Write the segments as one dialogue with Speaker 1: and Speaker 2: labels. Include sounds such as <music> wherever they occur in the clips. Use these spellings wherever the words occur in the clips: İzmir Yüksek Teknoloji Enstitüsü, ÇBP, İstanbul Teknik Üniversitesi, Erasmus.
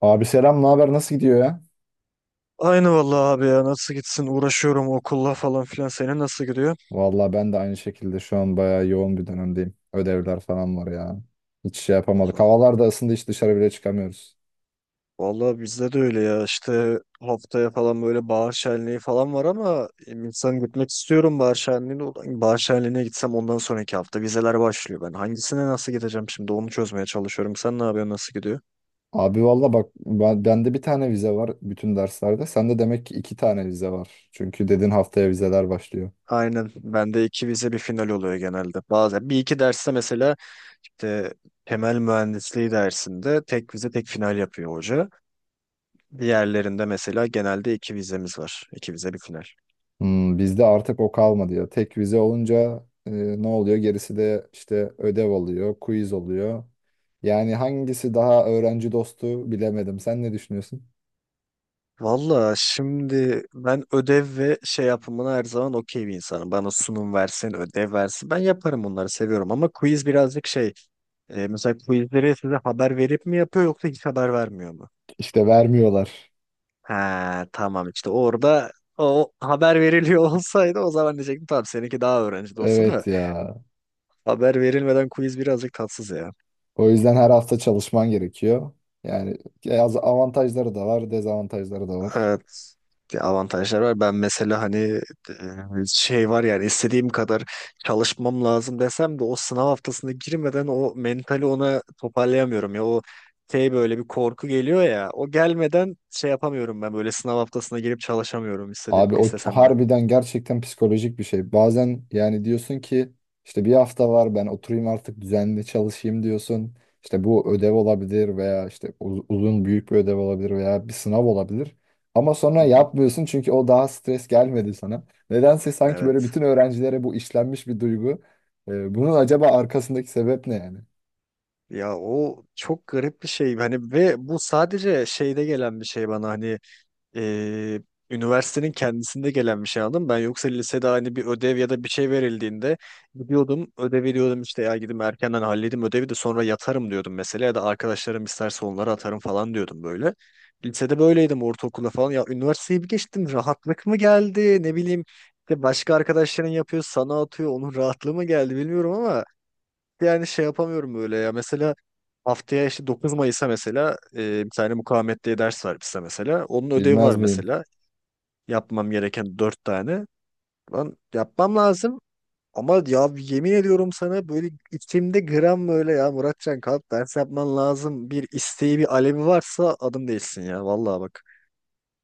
Speaker 1: Abi selam, ne haber? Nasıl gidiyor ya?
Speaker 2: Aynı vallahi abi ya nasıl gitsin uğraşıyorum okulla falan filan senin nasıl gidiyor?
Speaker 1: Vallahi ben de aynı şekilde şu an bayağı yoğun bir dönemdeyim. Ödevler falan var ya. Hiç şey yapamadık.
Speaker 2: Vallahi,
Speaker 1: Havalar da ısındı, hiç dışarı bile çıkamıyoruz.
Speaker 2: vallahi, bizde de öyle ya işte haftaya falan böyle bahar şenliği falan var ama insan gitmek istiyorum bahar şenliğine. Ulan bahar şenliğine gitsem ondan sonraki hafta vizeler başlıyor ben. Hangisine nasıl gideceğim şimdi onu çözmeye çalışıyorum. Sen ne yapıyorsun, nasıl gidiyor?
Speaker 1: Abi valla bak ben, bende bir tane vize var bütün derslerde. Sende demek ki iki tane vize var. Çünkü dedin haftaya vizeler başlıyor.
Speaker 2: Aynen, bende iki vize bir final oluyor genelde. Bazen bir iki derste mesela işte temel mühendisliği dersinde tek vize tek final yapıyor hoca. Diğerlerinde mesela genelde iki vizemiz var. İki vize bir final.
Speaker 1: Hmm, bizde artık o kalmadı ya. Tek vize olunca ne oluyor? Gerisi de işte ödev oluyor, quiz oluyor. Yani hangisi daha öğrenci dostu bilemedim. Sen ne düşünüyorsun?
Speaker 2: Valla şimdi ben ödev ve şey yapımına her zaman okey bir insanım. Bana sunum versin, ödev versin. Ben yaparım, bunları seviyorum ama quiz birazcık şey. Mesela quizleri size haber verip mi yapıyor, yoksa hiç haber vermiyor mu?
Speaker 1: İşte vermiyorlar.
Speaker 2: Ha, tamam, işte orada o haber veriliyor <laughs> olsaydı o zaman diyecektim tamam, seninki daha öğrenci dostu da.
Speaker 1: Evet ya.
Speaker 2: Haber verilmeden quiz birazcık tatsız ya.
Speaker 1: O yüzden her hafta çalışman gerekiyor. Yani avantajları da var, dezavantajları da var.
Speaker 2: Evet. Bir avantajlar var. Ben mesela hani e, şey var, yani istediğim kadar çalışmam lazım desem de o sınav haftasına girmeden o mentali ona toparlayamıyorum ya. O şey, böyle bir korku geliyor ya. O gelmeden şey yapamıyorum ben, böyle sınav haftasına girip çalışamıyorum, istediğim
Speaker 1: Abi
Speaker 2: istesem de.
Speaker 1: harbiden gerçekten psikolojik bir şey. Bazen yani diyorsun ki işte bir hafta var ben oturayım artık düzenli çalışayım diyorsun. İşte bu ödev olabilir veya işte uzun büyük bir ödev olabilir veya bir sınav olabilir. Ama sonra
Speaker 2: Hı hı.
Speaker 1: yapmıyorsun çünkü o daha stres gelmedi sana. Nedense sanki böyle
Speaker 2: Evet.
Speaker 1: bütün öğrencilere bu işlenmiş bir duygu. Bunun acaba arkasındaki sebep ne yani?
Speaker 2: Ya o çok garip bir şey. Hani ve bu sadece şeyde gelen bir şey bana, hani e, üniversitenin kendisinde gelen bir şey aldım. Ben yoksa lisede hani bir ödev ya da bir şey verildiğinde gidiyordum ödevi diyordum işte ya gidip erkenden halledeyim ödevi de sonra yatarım diyordum mesela, ya da arkadaşlarım isterse onlara atarım falan diyordum böyle. Lisede böyleydim, ortaokulda falan. Ya üniversiteyi bir geçtim rahatlık mı geldi ne bileyim, işte başka arkadaşların yapıyor sana atıyor onun rahatlığı mı geldi bilmiyorum, ama yani şey yapamıyorum böyle ya. Mesela haftaya işte 9 Mayıs'a mesela bir tane mukavemet diye ders var bize mesela. Onun ödevi var
Speaker 1: Bilmez miyim?
Speaker 2: mesela. Yapmam gereken 4 tane. Lan yapmam lazım. Ama ya yemin ediyorum sana böyle içimde gram, böyle ya Muratcan kalk ders yapman lazım. Bir isteği bir alevi varsa adım değilsin ya. Vallahi bak.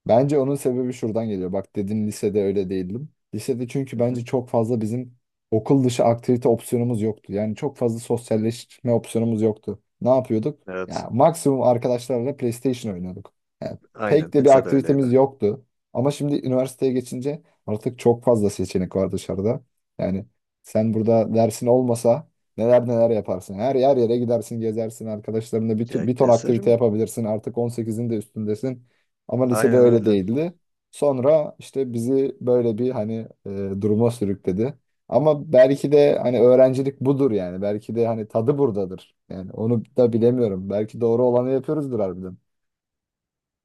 Speaker 1: Bence onun sebebi şuradan geliyor. Bak dedin lisede öyle değildim. Lisede çünkü
Speaker 2: Hı
Speaker 1: bence
Speaker 2: hı.
Speaker 1: çok fazla bizim okul dışı aktivite opsiyonumuz yoktu. Yani çok fazla sosyalleşme opsiyonumuz yoktu. Ne yapıyorduk?
Speaker 2: Evet.
Speaker 1: Ya maksimum arkadaşlarla PlayStation oynuyorduk. Yani
Speaker 2: Aynen,
Speaker 1: pek de bir
Speaker 2: pizza da
Speaker 1: aktivitemiz
Speaker 2: öyleydi.
Speaker 1: yoktu. Ama şimdi üniversiteye geçince artık çok fazla seçenek var dışarıda. Yani sen burada dersin olmasa neler neler yaparsın. Her yer yere gidersin, gezersin arkadaşlarınla
Speaker 2: Ya
Speaker 1: bir ton aktivite
Speaker 2: keserim.
Speaker 1: yapabilirsin. Artık 18'in de üstündesin. Ama lisede
Speaker 2: Aynen
Speaker 1: öyle
Speaker 2: öyle.
Speaker 1: değildi. Sonra işte bizi böyle bir duruma sürükledi. Ama belki de hani öğrencilik budur yani. Belki de hani tadı buradadır. Yani onu da bilemiyorum. Belki doğru olanı yapıyoruzdur harbiden.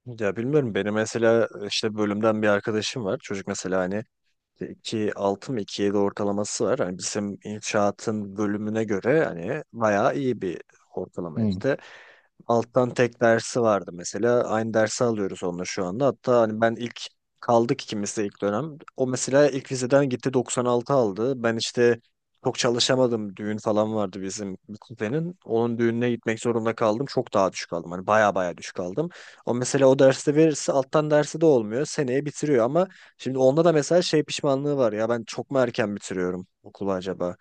Speaker 2: Ya bilmiyorum, benim mesela işte bölümden bir arkadaşım var. Çocuk mesela hani 2.6 mı 2.7 ortalaması var. Hani bizim inşaatın bölümüne göre hani bayağı iyi bir ortalama
Speaker 1: Hmm.
Speaker 2: işte. Alttan tek dersi vardı mesela. Aynı dersi alıyoruz onunla şu anda. Hatta hani ben ilk kaldık ikimiz de ilk dönem. O mesela ilk vizeden gitti 96 aldı. Ben işte çok çalışamadım. Düğün falan vardı bizim bir kuzenin. Onun düğününe gitmek zorunda kaldım. Çok daha düşük aldım. Hani baya baya düşük aldım. O mesela o derste verirse alttan dersi de olmuyor, seneye bitiriyor ama şimdi onda da mesela şey pişmanlığı var. Ya ben çok mu erken bitiriyorum okulu acaba?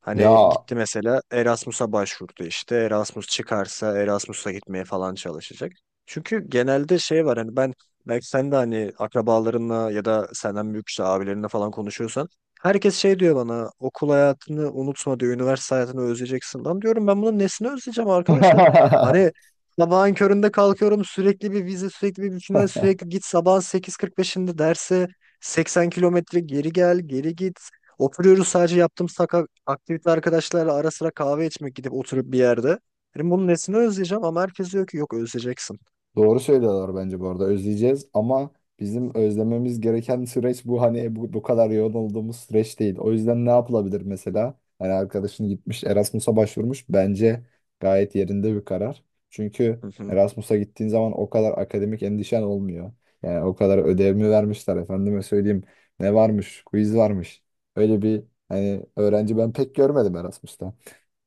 Speaker 2: Hani
Speaker 1: Ya
Speaker 2: gitti mesela Erasmus'a başvurdu işte. Erasmus çıkarsa Erasmus'a gitmeye falan çalışacak. Çünkü genelde şey var, hani ben, belki sen de hani akrabalarınla ya da senden büyük işte abilerinle falan konuşuyorsan herkes şey diyor bana, okul hayatını unutma diyor, üniversite hayatını özleyeceksin. Lan diyorum ben bunun nesini özleyeceğim arkadaşlar? Hani sabahın köründe kalkıyorum, sürekli bir vize, sürekli bir final,
Speaker 1: <laughs>
Speaker 2: sürekli git sabahın 8.45'inde derse, 80 kilometre geri gel, geri git. Oturuyoruz, sadece yaptığımız aktivite arkadaşlarla ara sıra kahve içmek, gidip oturup bir yerde. Dedim bunun nesini özleyeceğim, ama herkes diyor ki yok özleyeceksin.
Speaker 1: doğru söylüyorlar bence bu arada, özleyeceğiz ama bizim özlememiz gereken süreç bu hani bu kadar yoğun olduğumuz süreç değil. O yüzden ne yapılabilir mesela? Hani arkadaşın gitmiş Erasmus'a başvurmuş, bence gayet yerinde bir karar. Çünkü
Speaker 2: Hı hı,
Speaker 1: Erasmus'a gittiğin zaman o kadar akademik endişen olmuyor. Yani o kadar ödev mi vermişler efendime söyleyeyim, ne varmış, quiz varmış. Öyle bir hani öğrenci ben pek görmedim Erasmus'ta.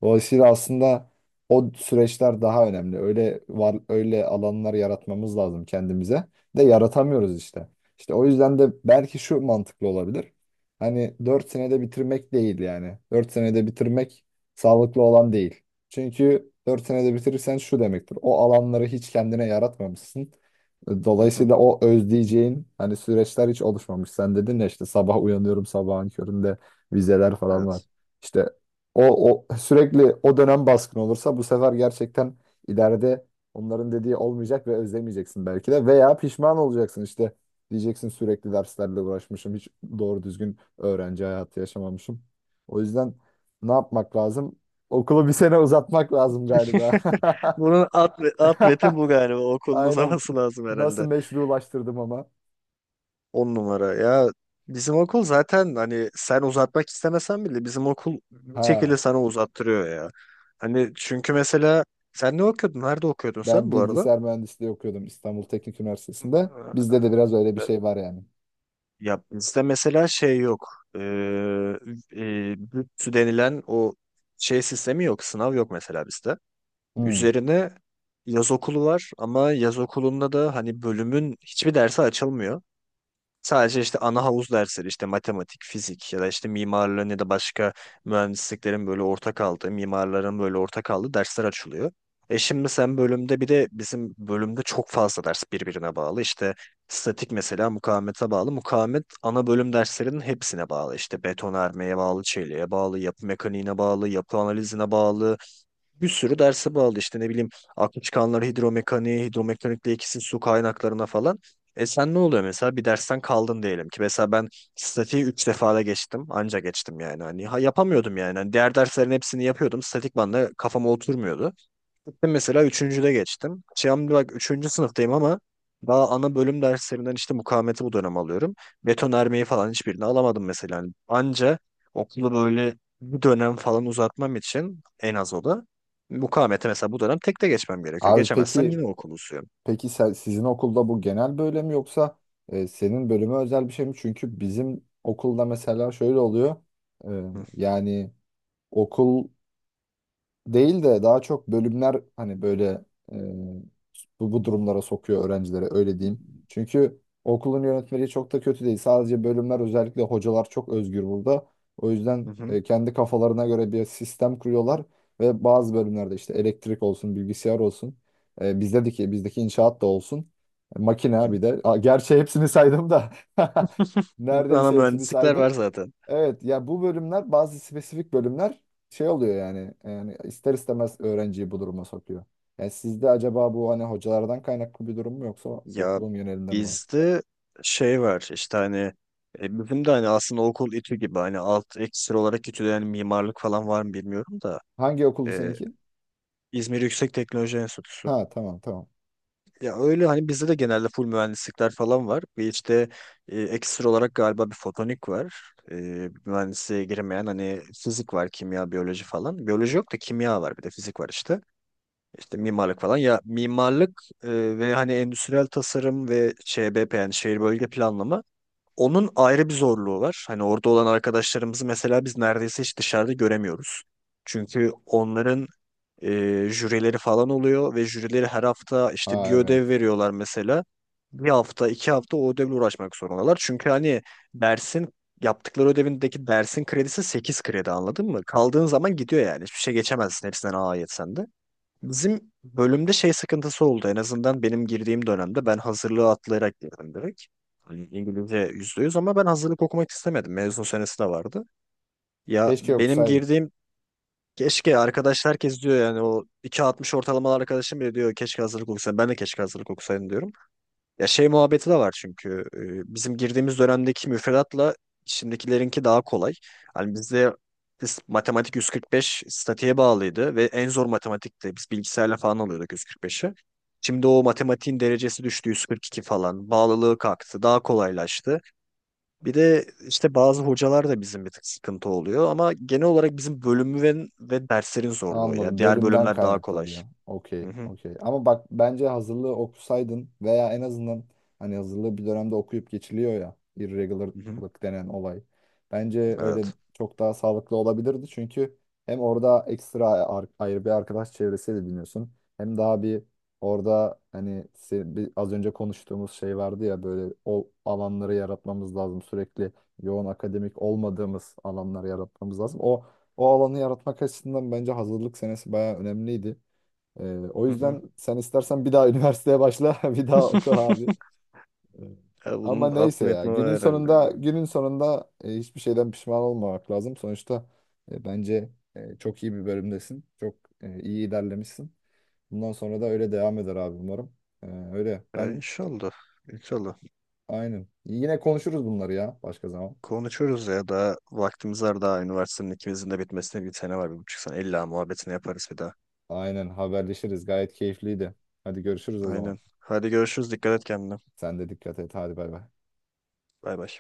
Speaker 1: Dolayısıyla aslında o süreçler daha önemli. Öyle var öyle alanlar yaratmamız lazım kendimize. De yaratamıyoruz işte. İşte o yüzden de belki şu mantıklı olabilir. Hani 4 senede bitirmek değil yani. 4 senede bitirmek sağlıklı olan değil. Çünkü 4 senede bitirirsen şu demektir. O alanları hiç kendine yaratmamışsın.
Speaker 2: hı hı.
Speaker 1: Dolayısıyla o özleyeceğin hani süreçler hiç oluşmamış. Sen dedin ya işte sabah uyanıyorum sabahın köründe vizeler falan var.
Speaker 2: Evet.
Speaker 1: İşte o sürekli o dönem baskın olursa bu sefer gerçekten ileride onların dediği olmayacak ve özlemeyeceksin belki de veya pişman olacaksın işte, diyeceksin sürekli derslerle uğraşmışım, hiç doğru düzgün öğrenci hayatı yaşamamışım. O yüzden ne yapmak lazım? Okulu bir sene uzatmak lazım galiba.
Speaker 2: <laughs> Bunun alt metin
Speaker 1: <laughs>
Speaker 2: bu galiba. Okulun
Speaker 1: Aynen.
Speaker 2: uzaması lazım
Speaker 1: Nasıl
Speaker 2: herhalde.
Speaker 1: meşrulaştırdım ama.
Speaker 2: 10 numara. Ya bizim okul zaten hani sen uzatmak istemesen bile bizim okul bir
Speaker 1: Ha,
Speaker 2: şekilde sana uzattırıyor ya. Hani çünkü mesela sen ne okuyordun? Nerede okuyordun sen
Speaker 1: ben
Speaker 2: bu
Speaker 1: bilgisayar mühendisliği okuyordum İstanbul Teknik Üniversitesi'nde. Bizde
Speaker 2: arada?
Speaker 1: de biraz öyle bir şey var yani.
Speaker 2: Ya bizde mesela şey yok. Ee, bütçü denilen o şey sistemi yok. Sınav yok mesela bizde.
Speaker 1: Hmm.
Speaker 2: Üzerine yaz okulu var ama yaz okulunda da hani bölümün hiçbir dersi açılmıyor. Sadece işte ana havuz dersleri işte matematik, fizik ya da işte mimarlığın ya da başka mühendisliklerin böyle ortak aldığı, mimarların böyle ortak aldığı dersler açılıyor. Şimdi sen bölümde, bir de bizim bölümde çok fazla ders birbirine bağlı. İşte statik mesela mukavemete bağlı. Mukavemet ana bölüm derslerinin hepsine bağlı. İşte betonarmeye bağlı, çeliğe bağlı, yapı mekaniğine bağlı, yapı analizine bağlı, bir sürü derse bağlı işte, ne bileyim, aklı çıkanlar hidromekaniğe, hidromekanikle ikisi su kaynaklarına falan. Sen ne oluyor mesela, bir dersten kaldın diyelim ki, mesela ben statiği 3 defada geçtim anca geçtim yani hani, ha, yapamıyordum yani. Hani diğer derslerin hepsini yapıyordum, statik bana kafama oturmuyordu. Gittim mesela üçüncüde geçtim. Şimdi bak üçüncü sınıftayım ama daha ana bölüm derslerinden işte mukavemeti bu dönem alıyorum. Betonarmeyi falan hiçbirini alamadım mesela. Hani anca okulu böyle bir dönem falan uzatmam için en az o da mukavemeti mesela bu dönem tekte geçmem gerekiyor.
Speaker 1: Abi
Speaker 2: Geçemezsem
Speaker 1: peki,
Speaker 2: yine okulu uzuyorum.
Speaker 1: peki sizin okulda bu genel böyle mi yoksa senin bölüme özel bir şey mi? Çünkü bizim okulda mesela şöyle oluyor. E,
Speaker 2: Hı
Speaker 1: yani okul değil de daha çok bölümler hani böyle e, bu durumlara sokuyor öğrencileri, öyle diyeyim. Çünkü okulun yönetmeliği çok da kötü değil. Sadece bölümler, özellikle hocalar çok özgür burada. O yüzden
Speaker 2: hı hı.
Speaker 1: kendi kafalarına göre bir sistem kuruyorlar ve bazı bölümlerde işte elektrik olsun, bilgisayar olsun, bizdeki inşaat da olsun, makine
Speaker 2: Hı.
Speaker 1: bir de. Aa, gerçi hepsini saydım da <laughs>
Speaker 2: Bütün ana
Speaker 1: neredeyse hepsini
Speaker 2: mühendislikler
Speaker 1: saydım.
Speaker 2: var zaten.
Speaker 1: Evet ya bu bölümler, bazı spesifik bölümler şey oluyor yani, yani ister istemez öğrenciyi bu duruma sokuyor. Yani sizde acaba bu hani hocalardan kaynaklı bir durum mu yoksa
Speaker 2: Ya
Speaker 1: okulun genelinde mi var?
Speaker 2: bizde şey var işte, hani bizim de hani aslında okul İTÜ gibi, hani alt ekstra olarak İTÜ'de yani mimarlık falan var mı bilmiyorum da.
Speaker 1: Hangi okuldu
Speaker 2: Ee,
Speaker 1: seninki?
Speaker 2: İzmir Yüksek Teknoloji Enstitüsü.
Speaker 1: Ha tamam tamam.
Speaker 2: Ya öyle, hani bizde de genelde full mühendislikler falan var. Bir işte ekstra olarak galiba bir fotonik var. E, mühendisliğe girmeyen hani fizik var, kimya, biyoloji falan. Biyoloji yok da kimya var bir de fizik var işte. İşte mimarlık falan. Ya mimarlık ve hani endüstriyel tasarım ve ÇBP yani şehir bölge planlama, onun ayrı bir zorluğu var. Hani orada olan arkadaşlarımızı mesela biz neredeyse hiç dışarıda göremiyoruz. Çünkü onların e, jürileri falan oluyor ve jürileri her hafta işte bir
Speaker 1: Ha evet.
Speaker 2: ödev veriyorlar mesela. Bir hafta, 2 hafta o ödevle uğraşmak zorundalar. Çünkü hani dersin, yaptıkları ödevindeki dersin kredisi 8 kredi, anladın mı? Kaldığın zaman gidiyor yani. Hiçbir şey geçemezsin, hepsinden A yetsen de. Bizim bölümde şey sıkıntısı oldu. En azından benim girdiğim dönemde ben hazırlığı atlayarak girdim direkt. Hani İngilizce %100 ama ben hazırlık okumak istemedim. Mezun senesi de vardı. Ya
Speaker 1: Keşke
Speaker 2: benim
Speaker 1: okusaydım.
Speaker 2: girdiğim. Keşke arkadaş, herkes diyor yani o iki altmış ortalamalı arkadaşım bile diyor keşke hazırlık okusaydım. Ben de keşke hazırlık okusaydım diyorum. Ya şey muhabbeti de var çünkü bizim girdiğimiz dönemdeki müfredatla şimdikilerinki daha kolay. Hani bizde biz matematik 145 statiğe bağlıydı ve en zor matematikti. Biz bilgisayarla falan alıyorduk 145'i. Şimdi o matematiğin derecesi düştü 142 falan. Bağlılığı kalktı. Daha kolaylaştı. Bir de işte bazı hocalar da bizim bir tık sıkıntı oluyor ama genel olarak bizim bölümün ve derslerin zorluğu ya.
Speaker 1: Anladım.
Speaker 2: Diğer
Speaker 1: Bölümden
Speaker 2: bölümler daha kolay.
Speaker 1: kaynaklanıyor.
Speaker 2: Hı
Speaker 1: Okey,
Speaker 2: hı.
Speaker 1: okey. Ama bak bence hazırlığı okusaydın veya en azından hani hazırlığı bir dönemde okuyup geçiliyor ya,
Speaker 2: Hı hı.
Speaker 1: irregularlık denen olay. Bence öyle
Speaker 2: Evet.
Speaker 1: çok daha sağlıklı olabilirdi çünkü hem orada ekstra ayrı bir arkadaş çevresi de ediniyorsun. Hem daha bir orada hani az önce konuştuğumuz şey vardı ya böyle o alanları yaratmamız lazım. Sürekli yoğun akademik olmadığımız alanları yaratmamız lazım. O alanı yaratmak açısından bence hazırlık senesi bayağı önemliydi. Ee, o
Speaker 2: Hı hı.
Speaker 1: yüzden sen istersen bir daha üniversiteye başla, <laughs> bir daha oku abi.
Speaker 2: <laughs>
Speaker 1: Ee,
Speaker 2: Ya
Speaker 1: ama
Speaker 2: bunun
Speaker 1: neyse
Speaker 2: altını
Speaker 1: ya,
Speaker 2: etme var
Speaker 1: günün
Speaker 2: herhalde
Speaker 1: sonunda
Speaker 2: ya.
Speaker 1: günün sonunda hiçbir şeyden pişman olmamak lazım. Sonuçta bence çok iyi bir bölümdesin. Çok iyi ilerlemişsin. Bundan sonra da öyle devam eder abi umarım. Ee, öyle
Speaker 2: Ya
Speaker 1: ben
Speaker 2: inşallah. İnşallah.
Speaker 1: aynen. Yine konuşuruz bunları ya başka zaman.
Speaker 2: Konuşuruz ya, daha vaktimiz var, daha üniversitenin ikimizin de bitmesine bir sene var, bir buçuk sene. İlla muhabbetini yaparız bir daha.
Speaker 1: Aynen haberleşiriz. Gayet keyifliydi. Hadi görüşürüz o zaman.
Speaker 2: Aynen. Hadi görüşürüz. Dikkat et kendine.
Speaker 1: Sen de dikkat et. Hadi bay bay.
Speaker 2: Bay bay.